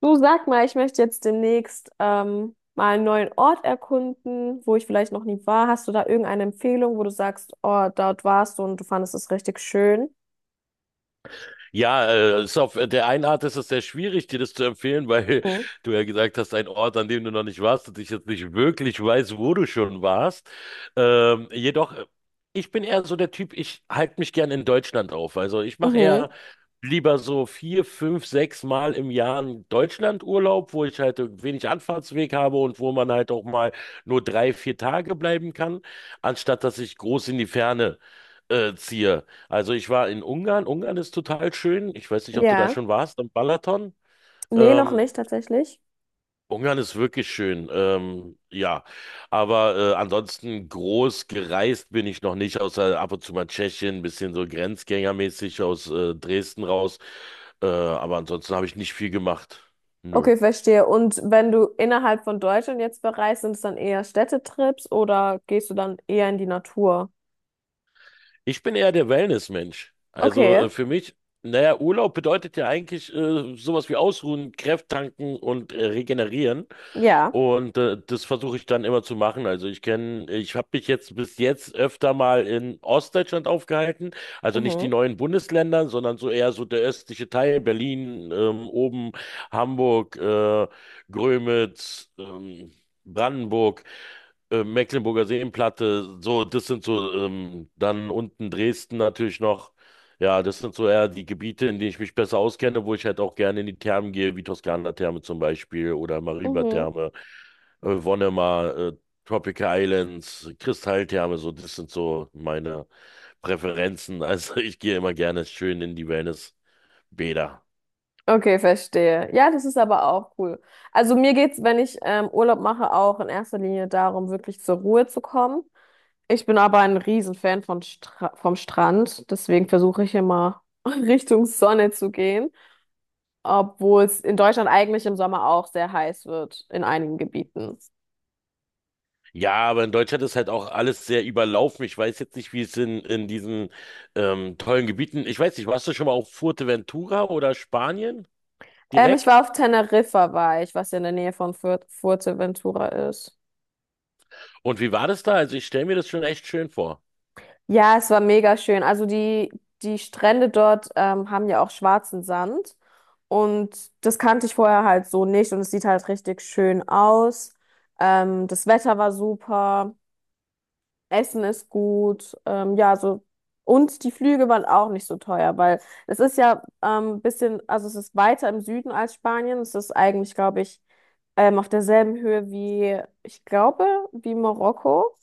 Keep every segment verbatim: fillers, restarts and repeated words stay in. Du sag mal, ich möchte jetzt demnächst ähm, mal einen neuen Ort erkunden, wo ich vielleicht noch nie war. Hast du da irgendeine Empfehlung, wo du sagst, oh, dort warst du und du fandest es richtig schön? Ja, äh, ist auf äh, der einen Art ist es sehr schwierig, dir das zu empfehlen, weil Mhm. du ja gesagt hast, ein Ort, an dem du noch nicht warst und ich jetzt nicht wirklich weiß, wo du schon warst. Ähm, jedoch, äh, ich bin eher so der Typ, ich halte mich gern in Deutschland auf. Also ich mache eher Mhm. lieber so vier, fünf, sechs Mal im Jahr einen Deutschlandurlaub, wo ich halt wenig Anfahrtsweg habe und wo man halt auch mal nur drei, vier Tage bleiben kann, anstatt dass ich groß in die Ferne äh, ziehe. Also ich war in Ungarn. Ungarn ist total schön. Ich weiß nicht, ob du da Ja. schon warst, am Balaton. Nee, noch Ähm, nicht tatsächlich. Ungarn ist wirklich schön. Ähm, ja, aber äh, ansonsten groß gereist bin ich noch nicht, außer ab und zu mal Tschechien, ein bisschen so grenzgängermäßig aus äh, Dresden raus. Äh, aber ansonsten habe ich nicht viel gemacht. Nö. Okay, verstehe. Und wenn du innerhalb von Deutschland jetzt bereist, sind es dann eher Städtetrips oder gehst du dann eher in die Natur? Ich bin eher der Wellness-Mensch. Also Okay. äh, für mich, naja, Urlaub bedeutet ja eigentlich äh, sowas wie ausruhen, Kräft tanken und äh, regenerieren. Ja. Und äh, das versuche ich dann immer zu machen. Also ich kenne, ich habe mich jetzt bis jetzt öfter mal in Ostdeutschland aufgehalten. Also nicht die Mhm. neuen Bundesländer, sondern so eher so der östliche Teil, Berlin, ähm, oben Hamburg, äh, Grömitz, ähm, Brandenburg, äh, Mecklenburger Seenplatte. So, das sind so ähm, dann unten Dresden natürlich noch. Ja, das sind so eher die Gebiete, in denen ich mich besser auskenne, wo ich halt auch gerne in die Thermen gehe, wie Toskana-Therme zum Beispiel oder Mhm. Mariba-Therme, äh, Wonnemar, äh, Tropical Islands, Kristalltherme, so, das sind so meine Präferenzen. Also ich gehe immer gerne schön in die Wellnessbäder. Okay, verstehe. Ja, das ist aber auch cool. Also mir geht's, wenn ich ähm, Urlaub mache, auch in erster Linie darum, wirklich zur Ruhe zu kommen. Ich bin aber ein Riesenfan von Stra vom Strand, deswegen versuche ich immer Richtung Sonne zu gehen, obwohl es in Deutschland eigentlich im Sommer auch sehr heiß wird, in einigen Gebieten. Ja, aber in Deutschland ist halt auch alles sehr überlaufen. Ich weiß jetzt nicht, wie es in, in diesen ähm, tollen Gebieten. Ich weiß nicht, warst du schon mal auf Fuerteventura oder Spanien Ähm, ich direkt? war auf Teneriffa, war ich, was ja in der Nähe von Fur- Fuerteventura ist. Und wie war das da? Also ich stelle mir das schon echt schön vor. Ja, es war mega schön. Also die, die Strände dort ähm, haben ja auch schwarzen Sand und das kannte ich vorher halt so nicht und es sieht halt richtig schön aus. Ähm, das Wetter war super, Essen ist gut, ähm, ja, so. Und die Flüge waren auch nicht so teuer, weil es ist ja ähm, ein bisschen, also es ist weiter im Süden als Spanien. Es ist eigentlich, glaube ich, ähm, auf derselben Höhe wie, ich glaube, wie Marokko.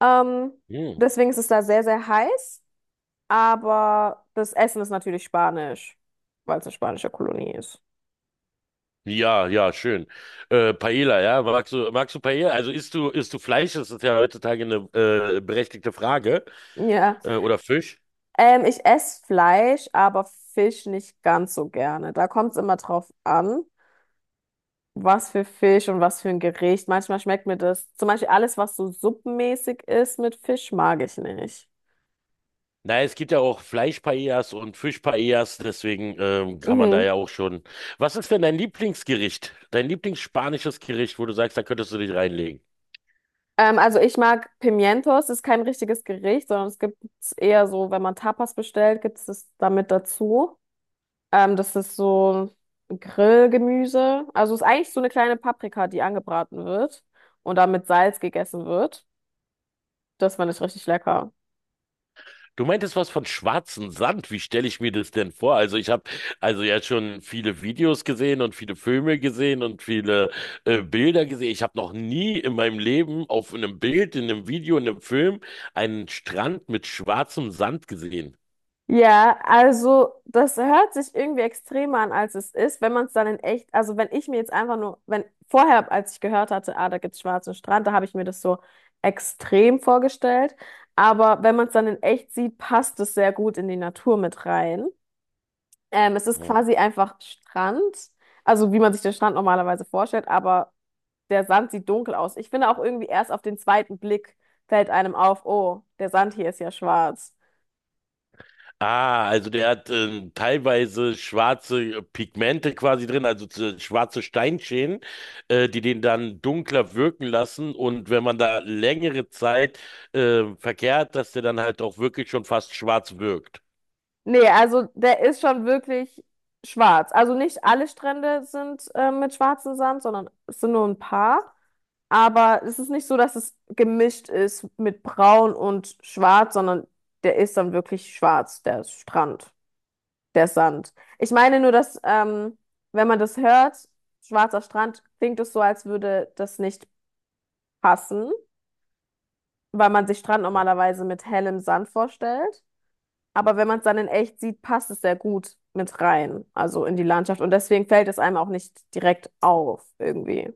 Ähm, Hm. deswegen ist es da sehr, sehr heiß, aber das Essen ist natürlich spanisch, weil es eine spanische Kolonie ist. Ja, ja, schön. Äh, Paella, ja, magst du, magst du Paella? Also isst du, isst du Fleisch? Das ist ja heutzutage eine äh, berechtigte Frage. Ja, Äh, oder Fisch? ähm, ich esse Fleisch, aber Fisch nicht ganz so gerne. Da kommt es immer drauf an, was für Fisch und was für ein Gericht. Manchmal schmeckt mir das, zum Beispiel alles, was so suppenmäßig ist mit Fisch, mag ich nicht. Naja, es gibt ja auch Fleisch-Paellas und Fisch-Paellas, deswegen ähm, kann man da Mhm. ja auch schon. Was ist denn dein Lieblingsgericht? Dein Lieblingsspanisches Gericht, wo du sagst, da könntest du dich reinlegen? Ähm, also ich mag Pimientos, das ist kein richtiges Gericht, sondern es gibt es eher so, wenn man Tapas bestellt, gibt es das damit dazu. Ähm, das ist so Grillgemüse. Also ist eigentlich so eine kleine Paprika, die angebraten wird und dann mit Salz gegessen wird. Das fand ich richtig lecker. Du meintest was von schwarzem Sand. Wie stelle ich mir das denn vor? Also ich habe also ja schon viele Videos gesehen und viele Filme gesehen und viele äh, Bilder gesehen. Ich habe noch nie in meinem Leben auf einem Bild, in einem Video, in einem Film einen Strand mit schwarzem Sand gesehen. Ja, also das hört sich irgendwie extremer an, als es ist, wenn man es dann in echt, also wenn ich mir jetzt einfach nur, wenn vorher, als ich gehört hatte, ah, da gibt's schwarzen Strand, da habe ich mir das so extrem vorgestellt. Aber wenn man es dann in echt sieht, passt es sehr gut in die Natur mit rein. Ähm, es ist quasi einfach Strand, also wie man sich den Strand normalerweise vorstellt, aber der Sand sieht dunkel aus. Ich finde auch irgendwie erst auf den zweiten Blick fällt einem auf, oh, der Sand hier ist ja schwarz. Ah, also der hat ähm, teilweise schwarze äh, Pigmente quasi drin, also zu- schwarze Steinschäden, äh, die den dann dunkler wirken lassen. Und wenn man da längere Zeit äh, verkehrt, dass der dann halt auch wirklich schon fast schwarz wirkt. Nee, also der ist schon wirklich schwarz. Also nicht alle Strände sind äh, mit schwarzem Sand, sondern es sind nur ein paar. Aber es ist nicht so, dass es gemischt ist mit braun und schwarz, sondern der ist dann wirklich schwarz, der Strand. Der Sand. Ich meine nur, dass, ähm, wenn man das hört, schwarzer Strand, klingt es so, als würde das nicht passen, weil man sich Strand normalerweise mit hellem Sand vorstellt. Aber wenn man es dann in echt sieht, passt es sehr gut mit rein, also in die Landschaft. Und deswegen fällt es einem auch nicht direkt auf, irgendwie.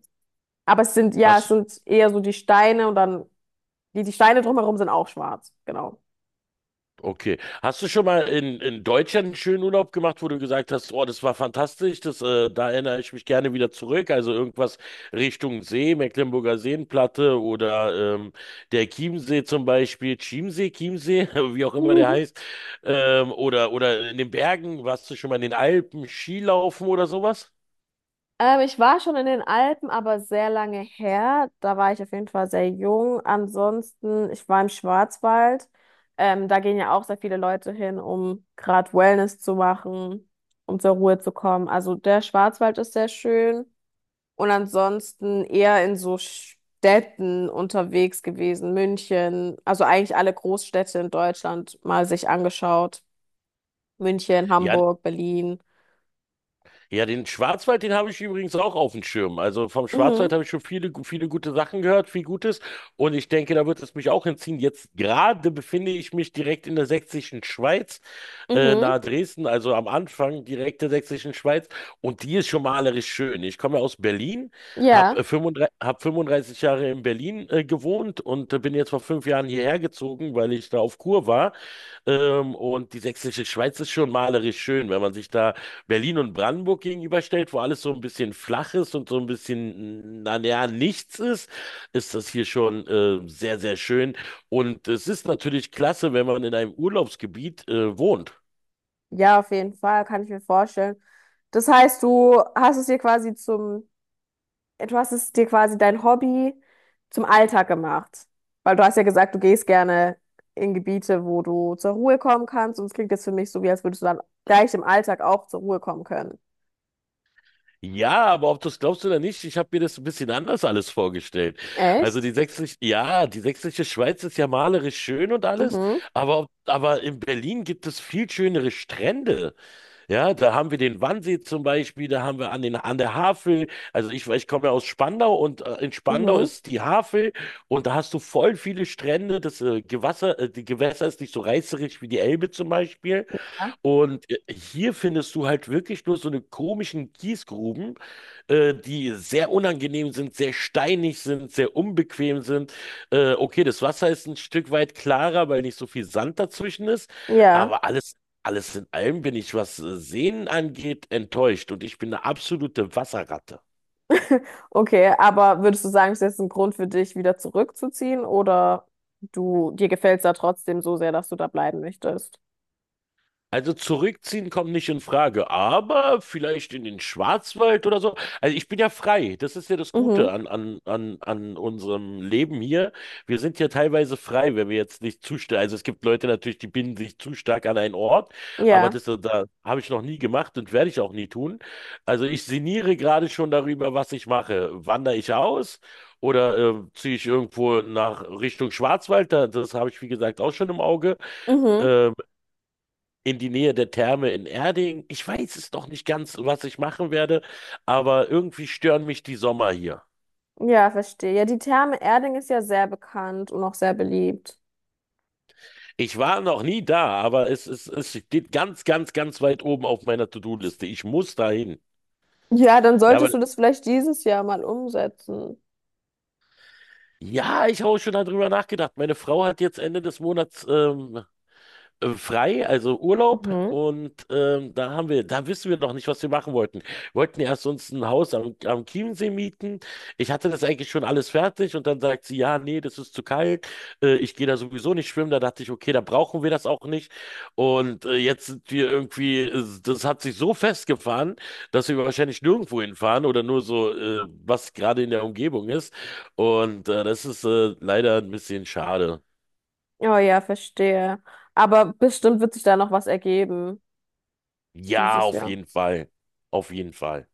Aber es sind, ja, es Hast, sind eher so die Steine und dann, die, die Steine drumherum sind auch schwarz, genau. Okay. Hast du schon mal in, in Deutschland einen schönen Urlaub gemacht, wo du gesagt hast, oh, das war fantastisch, das, äh, da erinnere ich mich gerne wieder zurück. Also irgendwas Richtung See, Mecklenburger Seenplatte oder ähm, der Chiemsee zum Beispiel, Chiemsee, Chiemsee, wie auch immer der heißt, ähm, oder, oder in den Bergen, warst du schon mal in den Alpen, Skilaufen oder sowas? Ähm, ich war schon in den Alpen, aber sehr lange her. Da war ich auf jeden Fall sehr jung. Ansonsten, ich war im Schwarzwald. Ähm, da gehen ja auch sehr viele Leute hin, um gerade Wellness zu machen, um zur Ruhe zu kommen. Also der Schwarzwald ist sehr schön. Und ansonsten eher in so Städten unterwegs gewesen. München, also eigentlich alle Großstädte in Deutschland mal sich angeschaut. München, Ja, Hamburg, Berlin. ja, den Schwarzwald, den habe ich übrigens auch auf dem Schirm. Also vom Schwarzwald Mhm, habe ich schon viele, gu- viele gute Sachen gehört, viel Gutes. Und ich denke, da wird es mich auch hinziehen. Jetzt gerade befinde ich mich direkt in der sächsischen Schweiz, äh, mhm, nahe Dresden, also am Anfang direkt der sächsischen Schweiz. Und die ist schon malerisch schön. Ich komme ja aus Berlin, habe ja. fünfunddreißig, hab fünfunddreißig Jahre in Berlin, äh, gewohnt und äh, bin jetzt vor fünf Jahren hierher gezogen, weil ich da auf Kur war. Ähm, und die sächsische Schweiz ist schon malerisch schön, wenn man sich da Berlin und Brandenburg gegenüberstellt, wo alles so ein bisschen flach ist und so ein bisschen, na ja, nichts ist, ist das hier schon äh, sehr, sehr schön. Und es ist natürlich klasse, wenn man in einem Urlaubsgebiet äh, wohnt. Ja, auf jeden Fall, kann ich mir vorstellen. Das heißt, du hast es dir quasi zum, du hast es dir quasi dein Hobby zum Alltag gemacht. Weil du hast ja gesagt, du gehst gerne in Gebiete, wo du zur Ruhe kommen kannst. Und es klingt jetzt für mich so, wie als würdest du dann gleich im Alltag auch zur Ruhe kommen können. Ja, aber ob du es glaubst oder nicht, ich habe mir das ein bisschen anders alles vorgestellt. Also Echt? die sächsische, ja, die sächsische Schweiz ist ja malerisch schön und alles, Mhm, aber, ob- aber in Berlin gibt es viel schönere Strände. Ja, da haben wir den Wannsee zum Beispiel, da haben wir an den, an der Havel. Also ich, ich komme ja aus Spandau und äh, in Spandau mhm. ist die Havel und da hast du voll viele Strände. Das äh, Gewässer, äh, die Gewässer ist nicht so reißerisch wie die Elbe zum Beispiel. Ja. Und äh, hier findest du halt wirklich nur so eine komischen Kiesgruben, äh, die sehr unangenehm sind, sehr steinig sind, sehr unbequem sind. Äh, okay, das Wasser ist ein Stück weit klarer, weil nicht so viel Sand dazwischen ist, Ja, aber alles, alles in allem bin ich, was äh, Seen angeht, enttäuscht und ich bin eine absolute Wasserratte. okay. Aber würdest du sagen, es ist jetzt ein Grund für dich, wieder zurückzuziehen? Oder du, dir gefällt es da trotzdem so sehr, dass du da bleiben möchtest? Also zurückziehen kommt nicht in Frage, aber vielleicht in den Schwarzwald oder so. Also ich bin ja frei. Das ist ja das Gute Mhm, an, an, an, an unserem Leben hier. Wir sind ja teilweise frei, wenn wir jetzt nicht zu stark. Also es gibt Leute natürlich, die binden sich zu stark an einen Ort, aber ja. das, äh, da habe ich noch nie gemacht und werde ich auch nie tun. Also ich sinniere gerade schon darüber, was ich mache. Wandere ich aus oder äh, ziehe ich irgendwo nach Richtung Schwarzwald? Da, das habe ich, wie gesagt, auch schon im Auge. Mhm. Ähm, in die Nähe der Therme in Erding. Ich weiß es noch nicht ganz, was ich machen werde, aber irgendwie stören mich die Sommer hier. Ja, verstehe. Ja, die Therme Erding ist ja sehr bekannt und auch sehr beliebt. Ich war noch nie da, aber es, es, es steht ganz, ganz, ganz weit oben auf meiner To-Do-Liste. Ich muss dahin. Ja, dann Ja, aber solltest du das vielleicht dieses Jahr mal umsetzen. ja, ich habe auch schon darüber nachgedacht. Meine Frau hat jetzt Ende des Monats ähm, äh, frei, also Urlaub. Mhm. Und ähm, da haben wir, da wissen wir noch nicht, was wir machen wollten. Wir wollten erst uns ein Haus am, am Chiemsee mieten. Ich hatte das eigentlich schon alles fertig und dann sagt sie, ja, nee, das ist zu kalt. Äh, ich gehe da sowieso nicht schwimmen. Da dachte ich, okay, da brauchen wir das auch nicht. Und äh, jetzt sind wir irgendwie, äh, das hat sich so festgefahren, dass wir wahrscheinlich nirgendwo hinfahren oder nur so, äh, was gerade in der Umgebung ist. Und äh, das ist äh, leider ein bisschen schade. Oh ja, verstehe. Aber bestimmt wird sich da noch was ergeben Ja, dieses auf Jahr. jeden Fall. Auf jeden Fall.